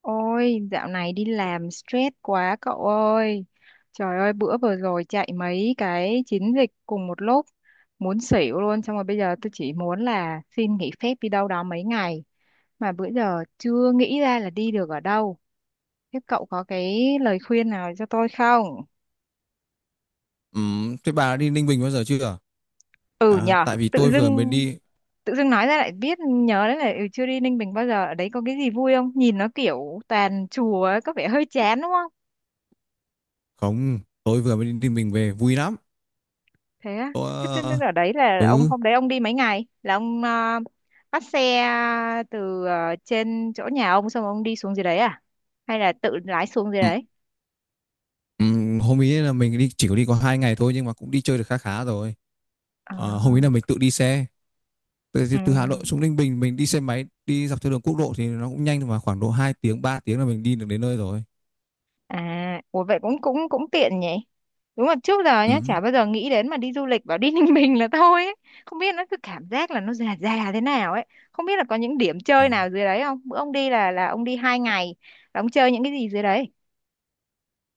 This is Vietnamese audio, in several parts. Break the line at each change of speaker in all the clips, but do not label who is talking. Ôi, dạo này đi làm stress quá cậu ơi. Trời ơi, bữa vừa rồi chạy mấy cái chiến dịch cùng một lúc, muốn xỉu luôn. Xong rồi bây giờ tôi chỉ muốn là xin nghỉ phép đi đâu đó mấy ngày. Mà bữa giờ chưa nghĩ ra là đi được ở đâu. Thế cậu có cái lời khuyên nào cho tôi không?
Thế bà đã đi Ninh Bình bao giờ chưa?
Ừ
À,
nhờ,
tại vì tôi vừa mới đi,
tự dưng nói ra lại biết nhớ đấy là chưa đi Ninh Bình bao giờ. Ở đấy có cái gì vui không? Nhìn nó kiểu toàn chùa ấy, có vẻ hơi chán đúng không?
không, tôi vừa mới đi Ninh Bình về vui lắm.
Thế á.
Tôi,
Thế
ờ,
ở đấy là ông
ừ,
hôm đấy ông đi mấy ngày là ông bắt xe từ trên chỗ nhà ông, xong ông đi xuống dưới đấy à, hay là tự lái xuống dưới
ừm,
đấy?
Hôm ấy là mình đi chỉ có đi có 2 ngày thôi, nhưng mà cũng đi chơi được khá khá rồi.
À,
Hôm ấy là mình tự đi xe từ,
ừ,
từ Hà Nội xuống Ninh Bình. Mình đi xe máy đi dọc theo đường quốc lộ thì nó cũng nhanh thôi, mà khoảng độ 2 tiếng 3 tiếng là mình đi được đến nơi rồi.
à, ủa vậy cũng cũng cũng tiện nhỉ. Đúng là trước giờ nhá
Ừm.
chả bao giờ nghĩ đến mà đi du lịch, bảo đi Ninh Bình là thôi ấy. Không biết, nó cứ cảm giác là nó già già thế nào ấy. Không biết là có những điểm
Ừ.
chơi nào dưới đấy không? Bữa ông đi là ông đi 2 ngày là ông chơi những cái gì dưới đấy?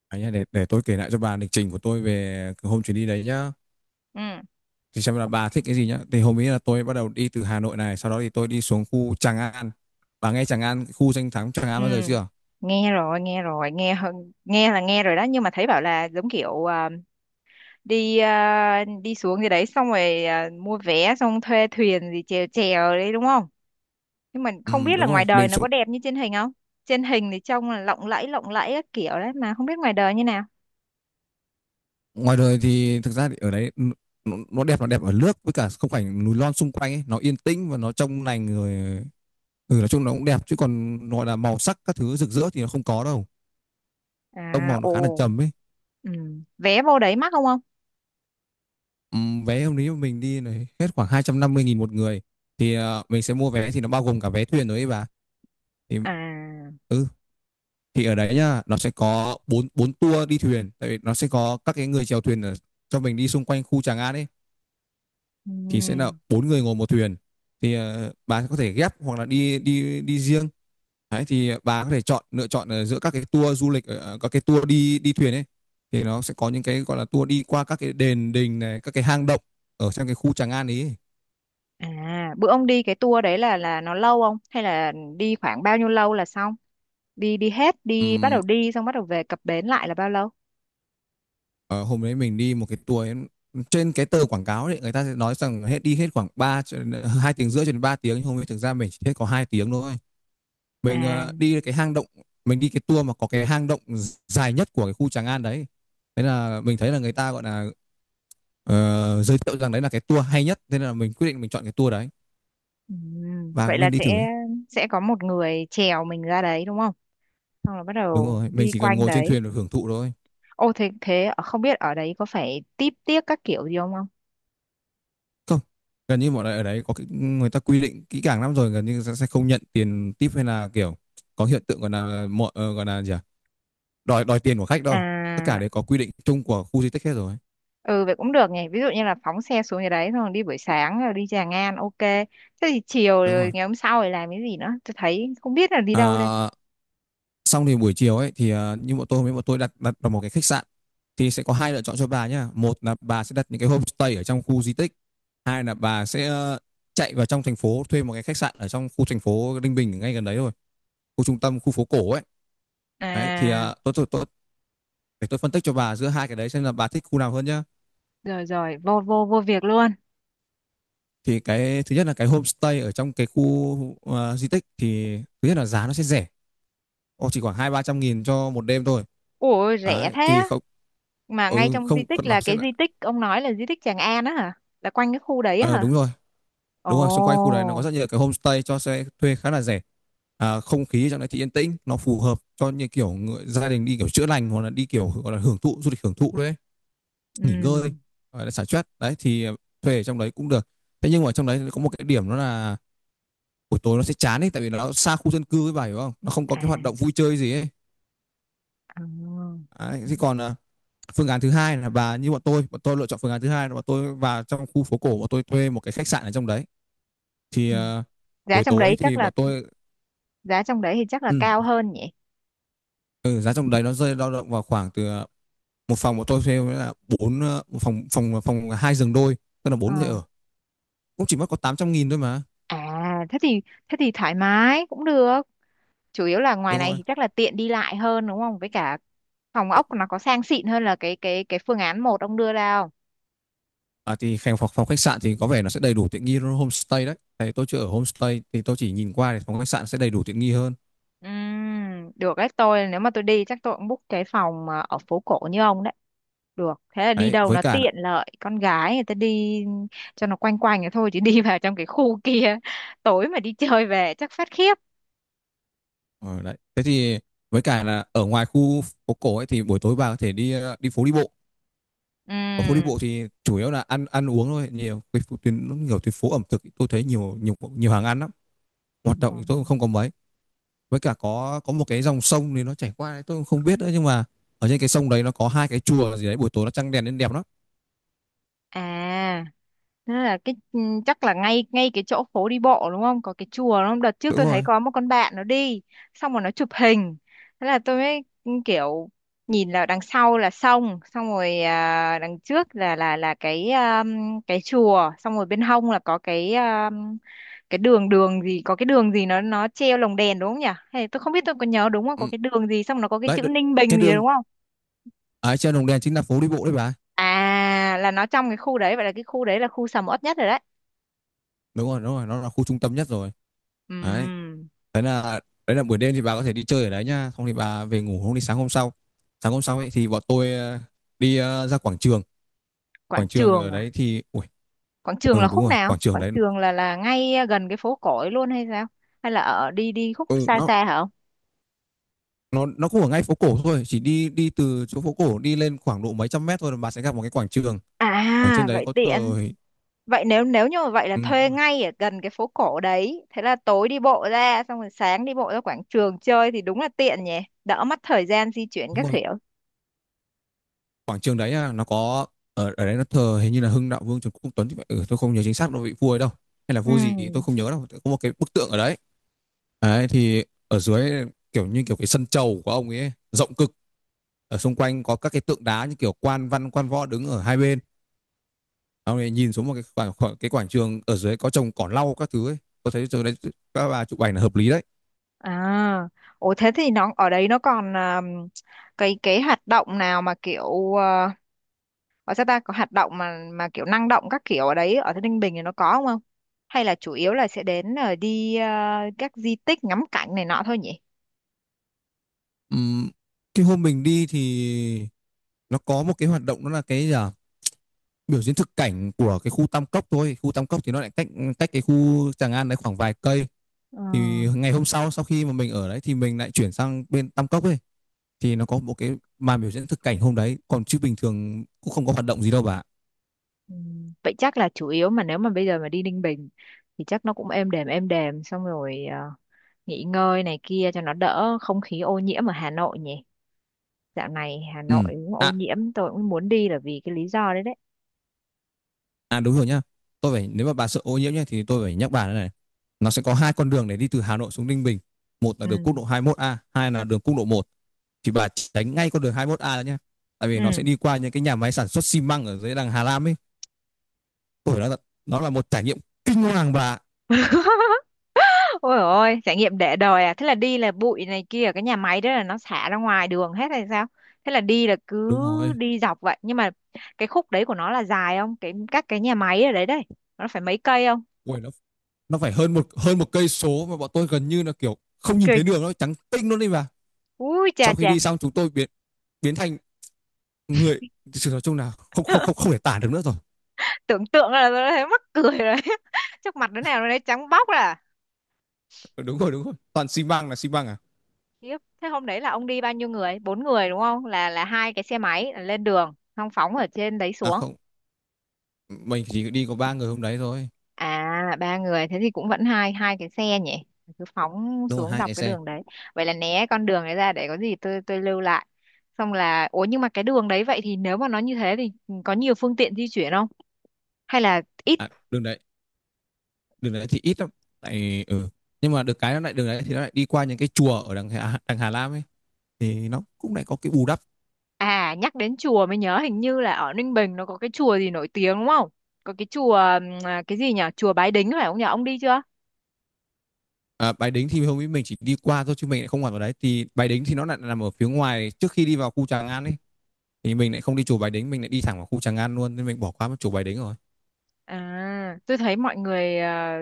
À nhá, để tôi kể lại cho bà lịch trình của tôi về hôm chuyến đi đấy nhá,
Ừ.
thì xem là bà thích cái gì nhá. Thì hôm ấy là tôi bắt đầu đi từ Hà Nội này, sau đó thì tôi đi xuống khu Tràng An. Bà nghe Tràng An, khu danh thắng Tràng
Ừ,
An bao giờ chưa?
nghe rồi, nghe rồi, nghe hơn, nghe là nghe rồi đó, nhưng mà thấy bảo là giống kiểu đi, đi xuống gì đấy, xong rồi mua vé xong thuê thuyền gì chèo chèo đấy đúng không? Nhưng mà
Ừ,
không biết là
đúng rồi,
ngoài đời
mình
nó
xuống.
có đẹp như trên hình không? Trên hình thì trông là lộng lẫy các kiểu đấy, mà không biết ngoài đời như nào.
Ngoài đời thì thực ra thì ở đấy nó đẹp là đẹp ở nước với cả không cảnh núi non xung quanh ấy, nó yên tĩnh và nó trong lành người. Ừ, nói chung nó cũng đẹp, chứ còn gọi là màu sắc các thứ rực rỡ thì nó không có đâu, tông
À,
màu nó khá là
ồ.
trầm ấy.
Ừ. Vé vô đấy mắc không ông?
Ừ, vé hôm đấy mình đi này hết khoảng 250.000 một người. Thì mình sẽ mua vé thì nó bao gồm cả vé thuyền nữa ấy bà. Thì
À.
ừ thì ở đấy nhá nó sẽ có bốn bốn tour đi thuyền, tại vì nó sẽ có các cái người chèo thuyền ở, cho mình đi xung quanh khu Tràng An ấy. Thì sẽ là
Ừ.
4 người ngồi một thuyền. Thì bà có thể ghép hoặc là đi đi đi riêng. Đấy, thì bà có thể chọn lựa chọn ở giữa các cái tour du lịch, ở các cái tour đi đi thuyền ấy. Thì nó sẽ có những cái gọi là tour đi qua các cái đền đình này, các cái hang động ở trong cái khu Tràng An ấy.
À, bữa ông đi cái tour đấy là nó lâu không? Hay là đi khoảng bao nhiêu lâu là xong? Đi đi hết, đi bắt đầu
Ừm,
đi xong bắt đầu về cập bến lại là bao lâu?
Ờ, Hôm đấy mình đi một cái tour ấy, trên cái tờ quảng cáo đấy người ta sẽ nói rằng hết đi hết khoảng 3 cho đến- ờ, 2 tiếng rưỡi cho đến 3 tiếng, nhưng hôm ấy thực ra mình chỉ hết có 2 tiếng thôi. Mình
À.
đi cái hang động, mình đi cái tour mà có cái hang động dài nhất của cái khu Tràng An đấy. Thế là mình thấy là người ta gọi là giới thiệu rằng đấy là cái tour hay nhất, thế nên là mình quyết định mình chọn cái tour đấy. Bà
Vậy
cũng
là
nên đi thử ấy.
sẽ có một người chèo mình ra đấy đúng không, xong rồi bắt
Đúng
đầu
rồi, mình
đi
chỉ cần
quanh
ngồi trên
đấy?
thuyền được hưởng thụ thôi.
Ô, thế thế không biết ở đấy có phải típ tiếc các kiểu gì không không?
Không, gần như bọn này ở đấy có cái, người ta quy định kỹ càng lắm rồi, gần như sẽ không nhận tiền tip hay là kiểu có hiện tượng gọi là mọi gọi là gì à? Đòi đòi tiền của khách đâu. Tất cả
À.
đấy có quy định chung của khu di tích hết rồi.
Ừ, vậy cũng được nhỉ. Ví dụ như là phóng xe xuống nhà đấy, xong rồi đi buổi sáng rồi đi Tràng An, ok, thế thì chiều
Đúng
rồi
rồi.
ngày hôm sau rồi làm cái gì nữa? Tôi thấy không biết là đi đâu đây.
À, xong thì buổi chiều ấy thì như bọn tôi, với bọn tôi đặt đặt vào một cái khách sạn. Thì sẽ có hai lựa chọn cho bà nhá: một là bà sẽ đặt những cái homestay ở trong khu di tích, hai là bà sẽ chạy vào trong thành phố thuê một cái khách sạn ở trong khu thành phố Ninh Bình ngay gần đấy thôi, khu trung tâm, khu phố cổ ấy. Đấy, thì
À,
à, tôi để tôi phân tích cho bà giữa hai cái đấy xem là bà thích khu nào hơn nhá.
rồi rồi, vô vô vô việc luôn.
Thì cái thứ nhất là cái homestay ở trong cái khu di tích thì thứ nhất là giá nó sẽ rẻ. Ồ, chỉ khoảng hai ba trăm nghìn cho một đêm thôi.
Ủa rẻ
Đấy,
thế
thì
á.
không.
Mà ngay
Ừ,
trong di
không,
tích
nó
là
sẽ
cái
là
di tích ông nói là di tích Tràng An á hả? Là quanh cái khu đấy á
ờ, đúng
hả?
rồi.
Ồ.
Đúng rồi, xung quanh khu đấy nó có rất nhiều cái homestay cho sẽ thuê khá là rẻ. À, không khí trong đấy thì yên tĩnh, nó phù hợp cho như kiểu người, gia đình đi kiểu chữa lành hoặc là đi kiểu gọi là hưởng thụ du lịch hưởng thụ đấy, nghỉ
Ừ.
ngơi, gọi là xả stress đấy, thì thuê ở trong đấy cũng được. Thế nhưng mà trong đấy có một cái điểm đó là buổi tối nó sẽ chán ấy, tại vì nó xa khu dân cư, với bà hiểu không, nó không có
À.
cái hoạt động vui chơi gì ấy.
Ờ.
Đấy,
Ừ.
thế còn phương án thứ hai là bà như bọn tôi lựa chọn phương án thứ hai là bọn tôi vào trong khu phố cổ, bọn tôi thuê một cái khách sạn ở trong đấy. Thì
Ừ. Giá
buổi
trong
tối
đấy chắc
thì
là
bọn tôi.
giá trong đấy thì chắc là
ừ,
cao hơn nhỉ?
ừ, Giá trong đấy nó rơi dao động vào khoảng từ một phòng bọn tôi thuê là một phòng phòng phòng 2 giường đôi, tức là 4 người
Ờ.
ở cũng chỉ mất có 800.000 thôi mà.
À thế thì thoải mái cũng được. Chủ yếu là ngoài
Đúng
này
rồi.
thì chắc là tiện đi lại hơn đúng không? Với cả phòng ốc nó có sang xịn hơn là cái phương án một ông đưa ra.
À, thì phòng phòng khách sạn thì có vẻ nó sẽ đầy đủ tiện nghi hơn homestay đấy. Tại tôi chưa ở homestay thì tôi chỉ nhìn qua thì phòng khách sạn sẽ đầy đủ tiện nghi hơn.
Được đấy, tôi nếu mà tôi đi chắc tôi cũng book cái phòng mà ở phố cổ như ông đấy được. Thế là đi
Đấy,
đâu
với
nó
cả là
tiện lợi, con gái người ta đi cho nó quanh quanh vậy thôi, chứ đi vào trong cái khu kia tối mà đi chơi về chắc phát khiếp.
ờ, đấy. Thế thì với cả là ở ngoài khu phố cổ ấy thì buổi tối bà có thể đi đi phố đi bộ. Ở phố đi bộ
Ừm.
thì chủ yếu là ăn ăn uống thôi, nhiều tuyến nhiều tuyến phố ẩm thực, tôi thấy nhiều nhiều nhiều hàng ăn lắm. Hoạt động
Ờ.
thì tôi cũng không có mấy. Với cả có một cái dòng sông thì nó chảy qua đấy, tôi cũng không biết nữa nhưng mà ở trên cái sông đấy nó có hai cái chùa gì đấy, buổi tối nó trăng đèn nên đẹp lắm.
À. Thế là cái chắc là ngay ngay cái chỗ phố đi bộ đúng không? Có cái chùa đúng không? Đợt trước
Đúng
tôi thấy
rồi.
có một con bạn nó đi, xong rồi nó chụp hình. Thế là tôi mới kiểu nhìn là đằng sau là sông, xong rồi đằng trước là cái chùa, xong rồi bên hông là có cái đường đường gì, có cái đường gì nó treo lồng đèn đúng không nhỉ? Hay tôi không biết, tôi có nhớ đúng không?
Ừ.
Có cái đường gì xong nó có cái
Đấy,
chữ Ninh
cái
Bình gì
đường.
đúng không?
Đấy, trên Đồng Đèn chính là phố đi bộ đấy bà.
À, là nó trong cái khu đấy, vậy là cái khu đấy là khu sầm uất nhất rồi đấy.
Đúng rồi, nó là khu trung tâm nhất rồi. Đấy.
Ừm.
Thế là đấy là buổi đêm thì bà có thể đi chơi ở đấy nhá, xong thì bà về ngủ hôm đi sáng hôm sau. Sáng hôm sau ấy thì bọn tôi đi ra quảng trường.
Quảng
Quảng trường
trường
ở đấy
à?
thì ui,
Quảng trường là
ừ đúng
khúc
rồi,
nào?
quảng trường
Quảng
đấy.
trường là ngay gần cái phố cổ ấy luôn hay sao? Hay là ở đi đi khúc
Ừ,
xa
nó
xa hả ông?
nó cũng ở ngay phố cổ thôi, chỉ đi đi từ chỗ phố cổ đi lên khoảng độ mấy trăm mét thôi là bà sẽ gặp một cái quảng trường. Ở trên
À,
đấy
vậy
có
tiện.
thờ.
Vậy nếu nếu như mà vậy là
Ừ,
thuê ngay ở gần cái phố cổ đấy, thế là tối đi bộ ra xong rồi sáng đi bộ ra quảng trường chơi thì đúng là tiện nhỉ, đỡ mất thời gian di chuyển
đúng
các
rồi,
kiểu.
quảng trường đấy á, nó có. Ở ở đấy nó thờ hình như là Hưng Đạo Vương Trần Quốc Tuấn thì phải, ừ, tôi không nhớ chính xác nó vị vua ấy đâu, hay là
Ừ.
vua gì tôi không nhớ, đâu có một cái bức tượng ở đấy. Đấy, thì ở dưới kiểu như kiểu cái sân chầu của ông ấy rộng cực, ở xung quanh có các cái tượng đá như kiểu quan văn quan võ đứng ở hai bên, ông ấy nhìn xuống một cái cái quảng trường ở dưới có trồng cỏ lau các thứ ấy. Tôi thấy chỗ đấy các bà chụp ảnh là hợp lý đấy.
À, ồ, thế thì nó ở đấy nó còn cái hoạt động nào mà kiểu ở sao ta, có hoạt động mà kiểu năng động các kiểu ở đấy ở thế Ninh Bình thì nó có không không? Hay là chủ yếu là sẽ đến đi các di tích ngắm cảnh này nọ thôi nhỉ?
Ừm, cái hôm mình đi thì nó có một cái hoạt động đó là cái gì à? Biểu diễn thực cảnh của cái khu Tam Cốc thôi, khu Tam Cốc thì nó lại cách cách cái khu Tràng An đấy khoảng vài cây.
Ờ,
Thì ngày hôm sau, sau khi mà mình ở đấy thì mình lại chuyển sang bên Tam Cốc ấy, thì nó có một cái màn biểu diễn thực cảnh hôm đấy còn, chứ bình thường cũng không có hoạt động gì đâu bà.
vậy chắc là chủ yếu mà nếu mà bây giờ mà đi Ninh Bình thì chắc nó cũng êm đềm êm đềm, xong rồi nghỉ ngơi này kia cho nó đỡ không khí ô nhiễm ở Hà Nội nhỉ? Dạo này Hà Nội
Ừ.
cũng ô
À.
nhiễm, tôi cũng muốn đi là vì cái lý do đấy đấy.
À, đúng rồi nhá, tôi phải, nếu mà bà sợ ô nhiễm nhá thì tôi phải nhắc bà thế này: nó sẽ có hai con đường để đi từ Hà Nội xuống Ninh Bình, một là
Ừ.
đường quốc lộ 21A, hai là đường quốc lộ một. Thì bà tránh ngay con đường 21A đó nhá, tại vì nó sẽ
Ừ.
đi qua những cái nhà máy sản xuất xi măng ở dưới đằng Hà Lam ấy. Ôi, nó là một trải nghiệm kinh hoàng bà.
Ôi ôi, trải nghiệm để đời à? Thế là đi là bụi này kia, ở cái nhà máy đó là nó xả ra ngoài đường hết hay sao? Thế là đi là cứ
Đúng rồi.
đi dọc vậy. Nhưng mà cái khúc đấy của nó là dài không? Các cái nhà máy ở đấy đấy, nó phải mấy cây không?
Ôi, nó phải hơn một cây số mà bọn tôi gần như là kiểu không nhìn thấy
Kinh.
đường, nó trắng tinh luôn đi bà.
Ui chà
Sau khi
chà,
đi xong, chúng tôi biến biến thành người, sự nói chung là không không không không thể tả được nữa rồi.
tưởng tượng là tôi đã thấy mắc cười rồi. Chắc mặt đứa nào nó đấy trắng bóc ra. À.
Ừ. Đúng rồi, đúng rồi. Toàn xi măng là xi măng à?
Thế hôm đấy là ông đi bao nhiêu người? Bốn người đúng không? Là hai cái xe máy là lên đường, xong phóng ở trên đấy
À
xuống.
không, mình chỉ đi có 3 người hôm đấy thôi.
À, ba người thế thì cũng vẫn hai hai cái xe nhỉ. Cứ phóng
Đúng rồi,
xuống
hai
dọc
cái
cái
xe.
đường đấy. Vậy là né con đường đấy ra, để có gì tôi lưu lại. Xong là ủa nhưng mà cái đường đấy vậy, thì nếu mà nó như thế thì có nhiều phương tiện di chuyển không? Hay là ít?
À, đường đấy thì ít lắm. Tại ừ. Nhưng mà được cái nó lại, đường đấy thì nó lại đi qua những cái chùa ở đằng Hà Lam ấy, thì nó cũng lại có cái bù đắp.
À, nhắc đến chùa mới nhớ, hình như là ở Ninh Bình nó có cái chùa gì nổi tiếng đúng không? Có cái chùa cái gì nhỉ? Chùa Bái Đính phải không nhỉ? Ông đi chưa?
À, Bái Đính thì hôm ấy mình chỉ đi qua thôi chứ mình lại không hoạt vào đấy. Thì Bái Đính thì nó lại nằm ở phía ngoài trước khi đi vào khu Tràng An ấy. Thì mình lại không đi chùa Bái Đính, mình lại đi thẳng vào khu Tràng An luôn nên mình bỏ qua mất chùa Bái Đính rồi.
À, tôi thấy mọi người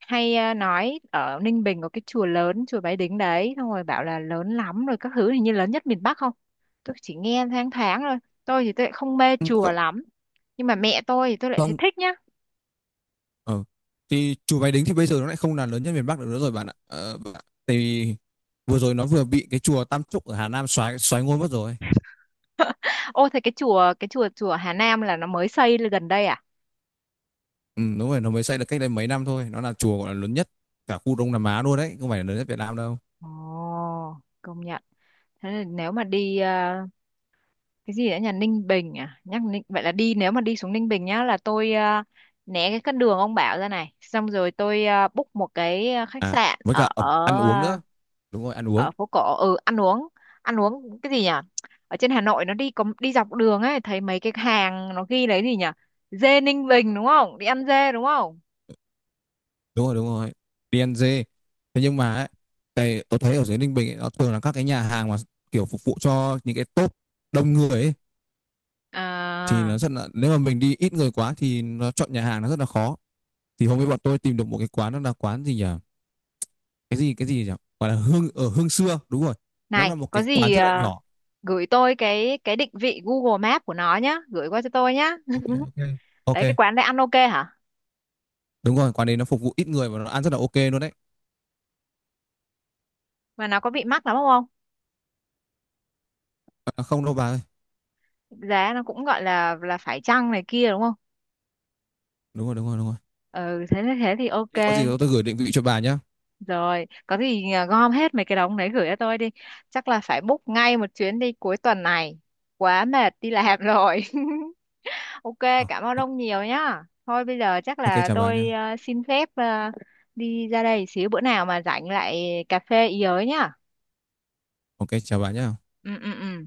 hay nói ở Ninh Bình có cái chùa lớn, chùa Bái Đính đấy, xong rồi bảo là lớn lắm rồi các thứ, hình như lớn nhất miền Bắc không? Tôi chỉ nghe thoáng thoáng thôi. Tôi thì tôi lại không mê
Ừ.
chùa lắm. Nhưng mà mẹ tôi thì tôi lại thấy
Không,
thích nhá.
ờ. Thì chùa Bái Đính thì bây giờ nó lại không là lớn nhất miền Bắc được nữa rồi bạn ạ. Vừa rồi nó vừa bị cái chùa Tam Trúc ở Hà Nam xoáy xoáy ngôi mất rồi.
Ô, thế cái chùa, chùa Hà Nam là nó mới xây lên gần đây à?
Ừ, đúng rồi, nó mới xây được cách đây mấy năm thôi. Nó là chùa gọi là lớn nhất cả khu Đông Nam Á luôn đấy, không phải là lớn nhất Việt Nam đâu.
Ồ, công nhận. Thế là nếu mà đi cái gì đã, nhà Ninh Bình, à, nhắc Ninh, vậy là đi nếu mà đi xuống Ninh Bình nhá là tôi né cái con đường ông bảo ra này, xong rồi tôi book một cái khách
À,
sạn
với
ở
cả ăn uống
ở
nữa. Đúng rồi, ăn uống.
ở phố cổ. Ừ, ăn uống, ăn uống cái gì nhỉ? Ở trên Hà Nội nó đi có đi dọc đường ấy, thấy mấy cái hàng nó ghi lấy gì nhỉ, dê Ninh Bình đúng không, đi ăn dê đúng không?
Đúng rồi, đúng rồi. DNG. Thế nhưng mà ấy, cái tôi thấy ở dưới Ninh Bình ấy, nó thường là các cái nhà hàng mà kiểu phục vụ cho những cái top đông người ấy, thì
À,
nó rất là, nếu mà mình đi ít người quá thì nó chọn nhà hàng nó rất là khó. Thì hôm ấy bọn tôi tìm được một cái quán, nó là quán gì nhỉ, cái gì nhỉ, gọi là hương xưa, đúng rồi. Nó
này
là một
có
cái quán
gì
rất là nhỏ.
gửi tôi cái định vị Google Maps của nó nhá, gửi qua cho tôi nhá.
OK, ok, ok.
Đấy, cái quán đấy ăn ok hả?
Đúng rồi, quán đấy nó phục vụ ít người và nó ăn rất là ok luôn đấy.
Mà nó có bị mắc lắm không?
À, không đâu bà ơi.
Giá nó cũng gọi là phải chăng này kia đúng không?
Đúng rồi, đúng rồi, đúng rồi.
Ừ, thế thế thì ok.
Thế có gì tôi gửi định vị cho bà nhá.
Rồi, có gì gom hết mấy cái đống đấy gửi cho tôi đi. Chắc là phải book ngay một chuyến đi cuối tuần này, quá mệt đi làm rồi. Ok,
Ờ,
cảm ơn ông nhiều nhá. Thôi bây giờ chắc
ok,
là
chào bà nhá.
tôi xin phép đi ra đây xíu, bữa nào mà rảnh lại cà phê ý ới nhá.
OK, chào bà nhá.
Ừ, ừ, ừ.